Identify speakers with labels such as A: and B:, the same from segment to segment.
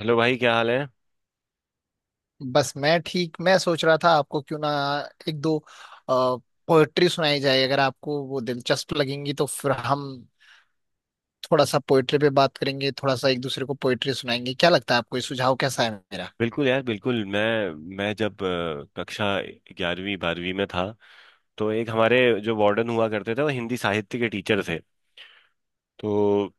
A: Hello भाई, क्या हाल है।
B: बस मैं सोच रहा था आपको क्यों ना एक दो पोएट्री सुनाई जाए, अगर आपको वो दिलचस्प लगेंगी तो फिर हम थोड़ा सा पोएट्री पे बात करेंगे, थोड़ा सा एक दूसरे को पोएट्री सुनाएंगे। क्या लगता है आपको, ये सुझाव कैसा है मेरा?
A: बिल्कुल यार, बिल्कुल मैं जब कक्षा 11वीं 12वीं में था। तो एक हमारे जो वार्डन हुआ करते थे वो हिंदी साहित्य के टीचर थे। तो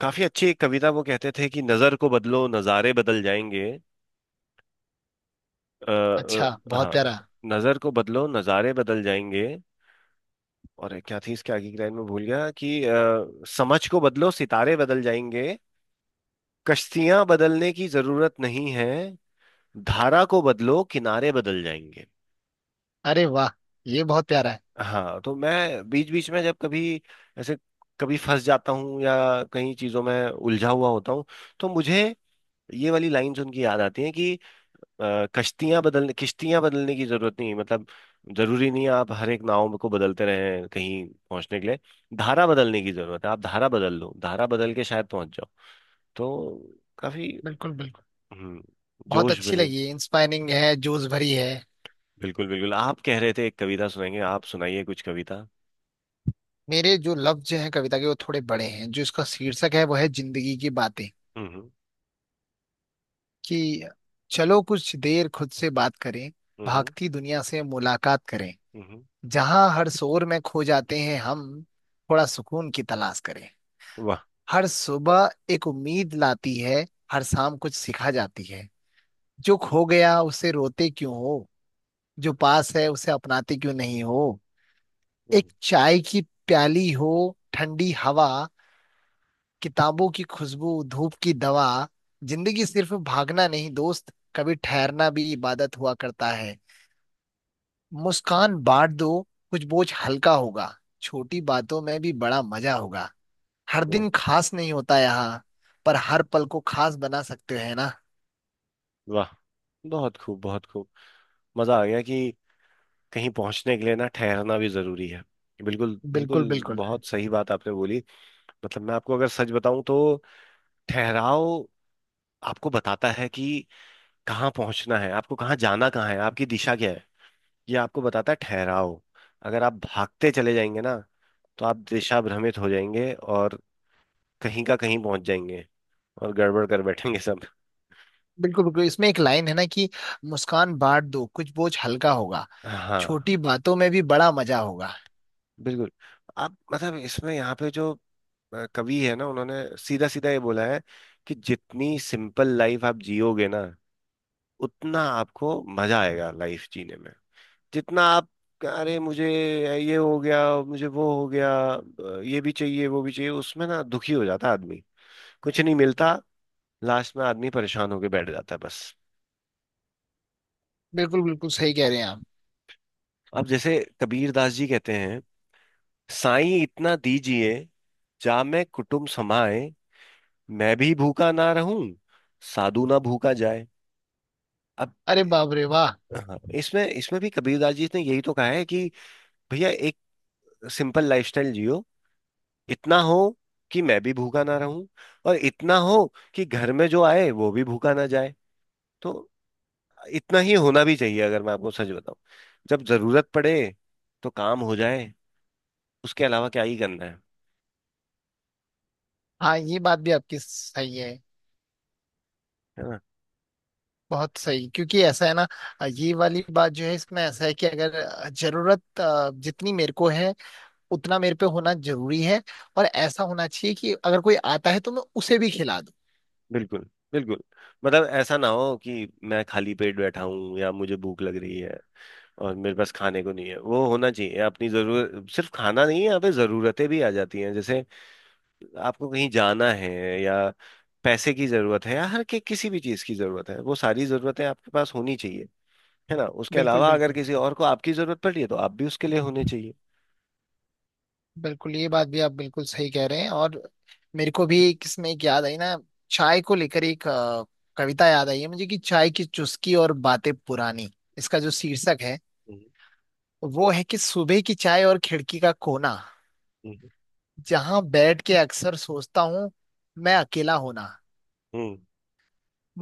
A: काफी अच्छी एक कविता वो कहते थे कि नजर को बदलो नजारे बदल जाएंगे। आ,
B: अच्छा, बहुत
A: हाँ,
B: प्यारा।
A: नजर को बदलो नजारे बदल जाएंगे। और क्या थी इसके आगे की लाइन, में भूल गया। कि समझ को बदलो सितारे बदल जाएंगे, कश्तियां बदलने की जरूरत नहीं है, धारा को बदलो किनारे बदल जाएंगे।
B: अरे वाह, ये बहुत प्यारा है।
A: हाँ, तो मैं बीच बीच में जब कभी ऐसे कभी फंस जाता हूँ या कहीं चीजों में उलझा हुआ होता हूँ, तो मुझे ये वाली लाइन सुन के याद आती है कि कश्तियां बदलने किश्तियां बदलने की जरूरत नहीं है। मतलब जरूरी नहीं है आप हर एक नाव को बदलते रहें कहीं पहुंचने के लिए। धारा बदलने की जरूरत है, आप धारा बदल लो, धारा बदल के शायद पहुंच जाओ। तो काफी।
B: बिल्कुल बिल्कुल,
A: हम्म।
B: बहुत
A: जोश
B: अच्छी
A: बने।
B: लगी, इंस्पायरिंग है, जोश भरी है।
A: बिल्कुल बिल्कुल, आप कह रहे थे एक कविता सुनाएंगे, आप सुनाइए कुछ कविता।
B: मेरे जो लफ्ज हैं कविता के वो थोड़े बड़े हैं। जो इसका शीर्षक है वो है जिंदगी की बातें।
A: हम्म।
B: कि चलो कुछ देर खुद से बात करें,
A: हम्म। हम्म।
B: भागती दुनिया से मुलाकात करें।
A: हम्म।
B: जहां हर शोर में खो जाते हैं हम, थोड़ा सुकून की तलाश करें।
A: वाह।
B: हर सुबह एक उम्मीद लाती है, हर शाम कुछ सिखा जाती है। जो खो गया उसे रोते क्यों हो, जो पास है उसे अपनाते क्यों नहीं हो।
A: हम्म।
B: एक चाय की प्याली हो, ठंडी हवा, किताबों की खुशबू, धूप की दवा। जिंदगी सिर्फ भागना नहीं दोस्त, कभी ठहरना भी इबादत हुआ करता है। मुस्कान बांट दो, कुछ बोझ हल्का होगा, छोटी बातों में भी बड़ा मजा होगा। हर
A: हम्म।
B: दिन खास नहीं होता यहाँ, पर हर पल को खास बना सकते हैं ना।
A: वाह। बहुत खूब, बहुत खूब। मजा आ गया कि कहीं पहुंचने के लिए ना ठहरना भी जरूरी है। बिल्कुल
B: बिल्कुल
A: बिल्कुल,
B: बिल्कुल।
A: बहुत सही बात आपने बोली। मतलब मैं आपको अगर सच बताऊं तो, ठहराव आपको बताता है कि कहाँ पहुंचना है आपको, कहाँ जाना कहाँ है, आपकी दिशा क्या है, ये आपको बताता है ठहराव। अगर आप भागते चले जाएंगे ना तो आप दिशा भ्रमित हो जाएंगे और कहीं का कहीं पहुंच जाएंगे और गड़बड़ कर बैठेंगे सब।
B: बिल्कुल बिल्कुल, इसमें एक लाइन है ना कि मुस्कान बांट दो, कुछ बोझ हल्का होगा,
A: हाँ।
B: छोटी बातों में भी बड़ा मजा होगा।
A: बिल्कुल। आप मतलब इसमें यहाँ पे जो कवि है ना, उन्होंने सीधा सीधा ये बोला है कि जितनी सिंपल लाइफ आप जियोगे ना, उतना आपको मजा आएगा लाइफ जीने में। जितना आप, अरे मुझे ये हो गया, मुझे वो हो गया, ये भी चाहिए वो भी चाहिए, उसमें ना दुखी हो जाता है आदमी, कुछ नहीं मिलता। लास्ट में आदमी परेशान होके बैठ जाता है बस।
B: बिल्कुल बिल्कुल, सही कह रहे हैं आप।
A: अब जैसे कबीर दास जी कहते हैं, साईं इतना दीजिए, जा मैं कुटुम्ब समाए, मैं भी भूखा ना रहूं, साधु ना भूखा जाए। अब
B: अरे बाप रे, वाह।
A: हाँ, इसमें इसमें भी कबीरदास जी ने यही तो कहा है कि भैया एक सिंपल लाइफस्टाइल जियो, इतना हो कि मैं भी भूखा ना रहूं, और इतना हो कि घर में जो आए वो भी भूखा ना जाए। तो इतना ही होना भी चाहिए, अगर मैं आपको सच बताऊं। जब जरूरत पड़े तो काम हो जाए, उसके अलावा क्या ही करना है
B: हाँ, ये बात भी आपकी सही है।
A: है ना।
B: बहुत सही, क्योंकि ऐसा है ना, ये वाली बात जो है इसमें ऐसा है कि अगर जरूरत जितनी मेरे को है उतना मेरे पे होना जरूरी है। और ऐसा होना चाहिए कि अगर कोई आता है तो मैं उसे भी खिला दूं।
A: बिल्कुल बिल्कुल। मतलब ऐसा ना हो कि मैं खाली पेट बैठा हूं या मुझे भूख लग रही है और मेरे पास खाने को नहीं है, वो होना चाहिए। अपनी जरूरत सिर्फ खाना नहीं है, यहाँ पे जरूरतें भी आ जाती हैं जैसे आपको कहीं जाना है या पैसे की जरूरत है या हर के किसी भी चीज की जरूरत है, वो सारी जरूरतें आपके पास होनी चाहिए। है ना, उसके
B: बिल्कुल
A: अलावा अगर
B: बिल्कुल।
A: किसी और को आपकी जरूरत पड़ रही है तो आप भी उसके लिए होने चाहिए।
B: बिल्कुल ये बात भी आप बिल्कुल सही कह रहे हैं। और मेरे को भी किसमें एक याद आई ना, चाय को लेकर एक कविता याद आई है मुझे कि चाय की चुस्की और बातें पुरानी। इसका जो शीर्षक है
A: हम्म।
B: वो है कि सुबह की चाय और खिड़की का कोना।
A: हम्म।
B: जहां बैठ के अक्सर सोचता हूँ मैं अकेला होना।
A: हम्म।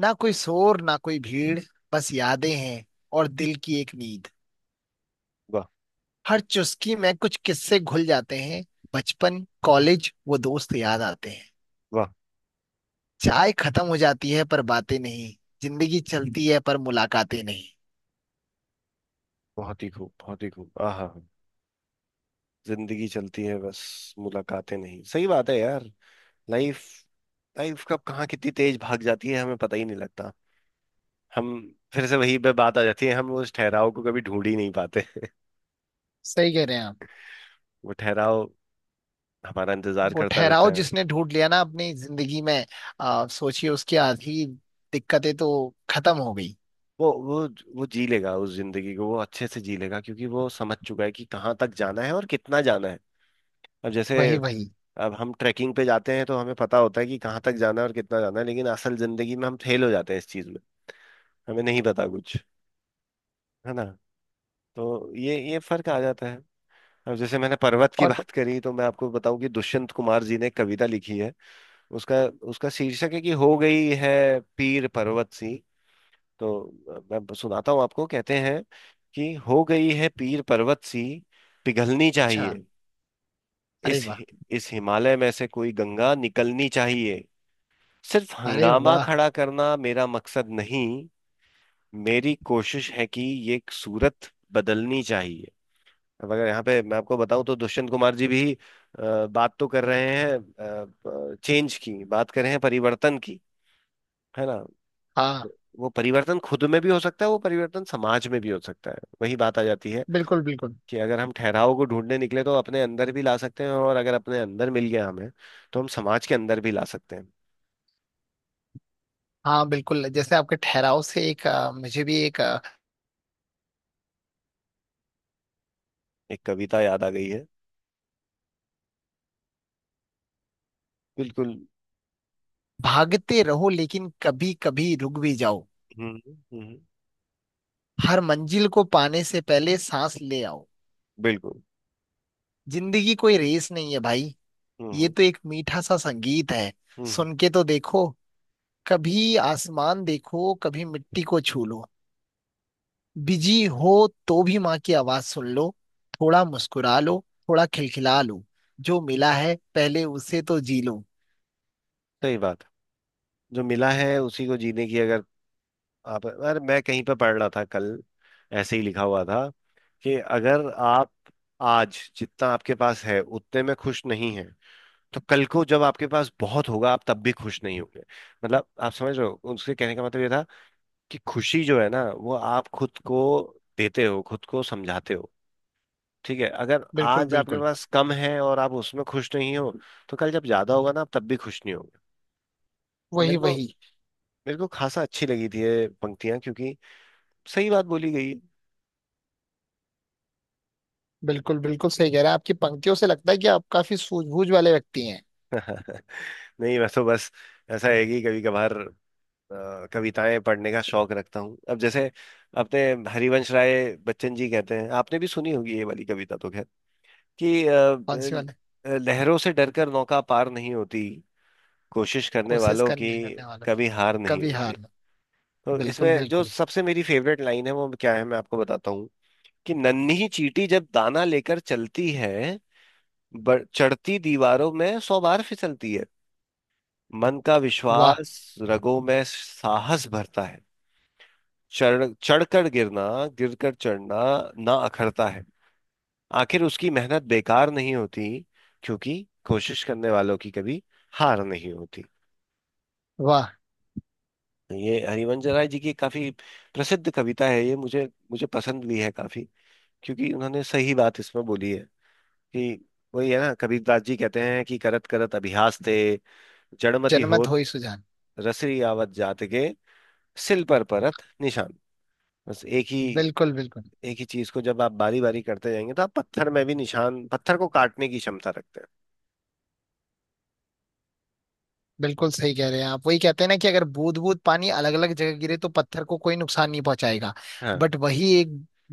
B: ना कोई शोर, ना कोई भीड़, बस यादें हैं और दिल की एक नींद।
A: वाह।
B: हर चुस्की में कुछ किस्से घुल जाते हैं, बचपन, कॉलेज, वो दोस्त याद आते हैं।
A: वाह।
B: चाय खत्म हो जाती है पर बातें नहीं, जिंदगी चलती है पर मुलाकातें नहीं।
A: बहुत ही खूब, बहुत ही खूब। आहा। जिंदगी चलती है बस मुलाकातें नहीं, सही बात है यार। लाइफ, लाइफ कब कहाँ कितनी तेज भाग जाती है, हमें पता ही नहीं लगता। हम, फिर से वही पे बात आ जाती है, हम उस ठहराव को कभी ढूंढ ही नहीं पाते।
B: सही कह रहे हैं आप।
A: वो ठहराव हमारा इंतजार
B: वो
A: करता रहता
B: ठहराव
A: है।
B: जिसने ढूंढ लिया ना अपनी जिंदगी में, सोचिए उसकी आधी दिक्कतें तो खत्म हो गई।
A: वो वो वो जी लेगा उस जिंदगी को, वो अच्छे से जी लेगा, क्योंकि वो समझ चुका है कि कहाँ तक जाना है और कितना जाना है। अब जैसे,
B: वही वही।
A: अब हम ट्रैकिंग पे जाते हैं तो हमें पता होता है कि कहाँ तक जाना है और कितना जाना है, लेकिन असल जिंदगी में हम फेल हो जाते हैं इस चीज में। हमें नहीं पता कुछ, है ना, तो ये फर्क आ जाता है। अब जैसे मैंने पर्वत की
B: और
A: बात करी तो मैं आपको बताऊं कि दुष्यंत कुमार जी ने एक कविता लिखी है। उसका उसका शीर्षक है कि हो गई है पीर पर्वत सी। तो मैं सुनाता हूँ आपको। कहते हैं कि हो गई है पीर पर्वत सी, पिघलनी
B: अच्छा।
A: चाहिए,
B: अरे
A: इस
B: वाह।
A: इस हिमालय में से कोई गंगा निकलनी चाहिए, सिर्फ
B: अरे
A: हंगामा
B: वाह।
A: खड़ा करना मेरा मकसद नहीं, मेरी कोशिश है कि ये सूरत बदलनी चाहिए। अब अगर यहाँ पे मैं आपको बताऊं तो दुष्यंत कुमार जी भी बात तो कर रहे हैं, चेंज की बात कर रहे हैं, परिवर्तन की, है ना।
B: हाँ,
A: वो परिवर्तन खुद में भी हो सकता है, वो परिवर्तन समाज में भी हो सकता है। वही बात आ जाती है
B: बिल्कुल बिल्कुल।
A: कि अगर हम ठहराव को ढूंढने निकले तो अपने अंदर भी ला सकते हैं, और अगर अपने अंदर मिल गया हमें तो हम समाज के अंदर भी ला सकते हैं।
B: हाँ बिल्कुल, जैसे आपके ठहराव से एक मुझे भी एक
A: एक कविता याद आ गई है। बिल्कुल।
B: भागते रहो लेकिन कभी कभी रुक भी जाओ।
A: हम्म। हम्म।
B: हर मंजिल को पाने से पहले सांस ले आओ।
A: बिल्कुल।
B: जिंदगी कोई रेस नहीं है भाई,
A: हम्म।
B: ये
A: हम्म।
B: तो एक मीठा सा संगीत है,
A: हम्म। हम्म।
B: सुन के तो देखो। कभी आसमान देखो, कभी मिट्टी को छू लो। बिजी हो तो भी माँ की आवाज सुन लो। थोड़ा मुस्कुरा लो, थोड़ा खिलखिला लो, जो मिला है पहले उसे तो जी लो।
A: सही बात। जो मिला है उसी को जीने की, अगर आप, अरे मैं कहीं पे पढ़ रहा था कल, ऐसे ही लिखा हुआ था कि अगर आप आज जितना आपके पास है उतने में खुश नहीं है, तो कल को जब आपके पास बहुत होगा आप तब भी खुश नहीं होंगे। मतलब आप समझ रहे हो, उसके कहने का मतलब ये था कि खुशी जो है ना, वो आप खुद को देते हो, खुद को समझाते हो। ठीक है, अगर
B: बिल्कुल
A: आज आपके
B: बिल्कुल।
A: पास कम है और आप उसमें खुश नहीं हो तो कल जब ज्यादा होगा ना आप तब भी खुश नहीं होगे।
B: वही
A: मेरे को
B: वही।
A: मेरे को खासा अच्छी लगी थी ये पंक्तियां, क्योंकि सही बात बोली गई है।
B: बिल्कुल बिल्कुल, सही कह रहे हैं। आपकी पंक्तियों से लगता है कि आप काफी सूझबूझ वाले व्यक्ति हैं।
A: नहीं, वैसे तो बस ऐसा है कि कभी कभार कविताएं पढ़ने का शौक रखता हूँ। अब जैसे अपने हरिवंश राय बच्चन जी कहते हैं, आपने भी सुनी होगी ये वाली कविता तो, खैर, कि
B: कौन सी वाले?
A: लहरों से डरकर नौका पार नहीं होती, कोशिश करने
B: कोशिश
A: वालों की
B: करने करने वालों की
A: कभी हार नहीं
B: कभी
A: होती।
B: हार ना।
A: तो
B: बिल्कुल
A: इसमें जो
B: बिल्कुल।
A: सबसे मेरी फेवरेट लाइन है वो क्या है, मैं आपको बताता हूँ, कि नन्ही चींटी जब दाना लेकर चलती है, चढ़ती दीवारों में 100 बार फिसलती है, मन का
B: वाह।
A: विश्वास रगों में साहस भरता है, चढ़ चढ़कर गिरना, गिरकर चढ़ना ना अखरता है, आखिर उसकी मेहनत बेकार नहीं होती, क्योंकि कोशिश करने वालों की कभी हार नहीं होती।
B: वाह।
A: ये हरिवंश राय जी की काफी प्रसिद्ध कविता है, ये मुझे मुझे पसंद भी है काफी, क्योंकि उन्होंने सही बात इसमें बोली है कि, वही है ना, कबीरदास जी कहते हैं कि करत करत अभ्यास ते जड़मति
B: जनमत
A: होत,
B: हो ही सुजान।
A: रसरी आवत जात के सिल पर परत निशान। बस एक ही,
B: बिल्कुल बिल्कुल।
A: एक ही चीज को जब आप बारी बारी करते जाएंगे तो आप पत्थर में भी निशान, पत्थर को काटने की क्षमता रखते हैं।
B: बिल्कुल सही कह रहे हैं आप। वही कहते हैं ना कि अगर बूंद बूंद पानी अलग अलग जगह गिरे तो पत्थर को कोई नुकसान नहीं पहुंचाएगा।
A: हाँ।
B: बट वही एक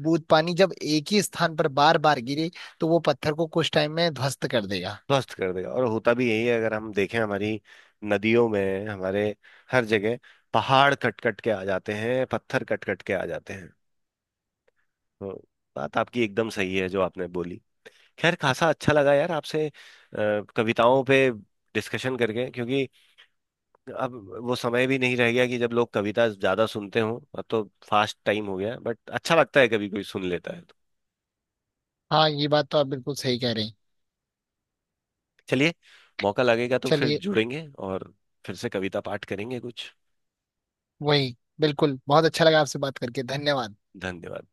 B: बूंद पानी जब एक ही स्थान पर बार बार गिरे तो वो पत्थर को कुछ टाइम में ध्वस्त कर देगा।
A: ध्वस्त कर देगा, और होता भी यही है, अगर हम देखें हमारी नदियों में, हमारे हर जगह पहाड़ कट कट के आ जाते हैं, पत्थर कट कट के आ जाते हैं। तो बात आपकी एकदम सही है जो आपने बोली। खैर, खासा अच्छा लगा यार आपसे कविताओं पे डिस्कशन करके, क्योंकि अब वो समय भी नहीं रह गया कि जब लोग कविता ज्यादा सुनते हों। अब तो फास्ट टाइम हो गया, बट अच्छा लगता है कभी कोई सुन लेता है तो।
B: हाँ, ये बात तो आप बिल्कुल सही कह रहे हैं।
A: चलिए, मौका लगेगा तो फिर
B: चलिए।
A: जुड़ेंगे और फिर से कविता पाठ करेंगे कुछ।
B: वही बिल्कुल, बहुत अच्छा लगा आपसे बात करके, धन्यवाद।
A: धन्यवाद।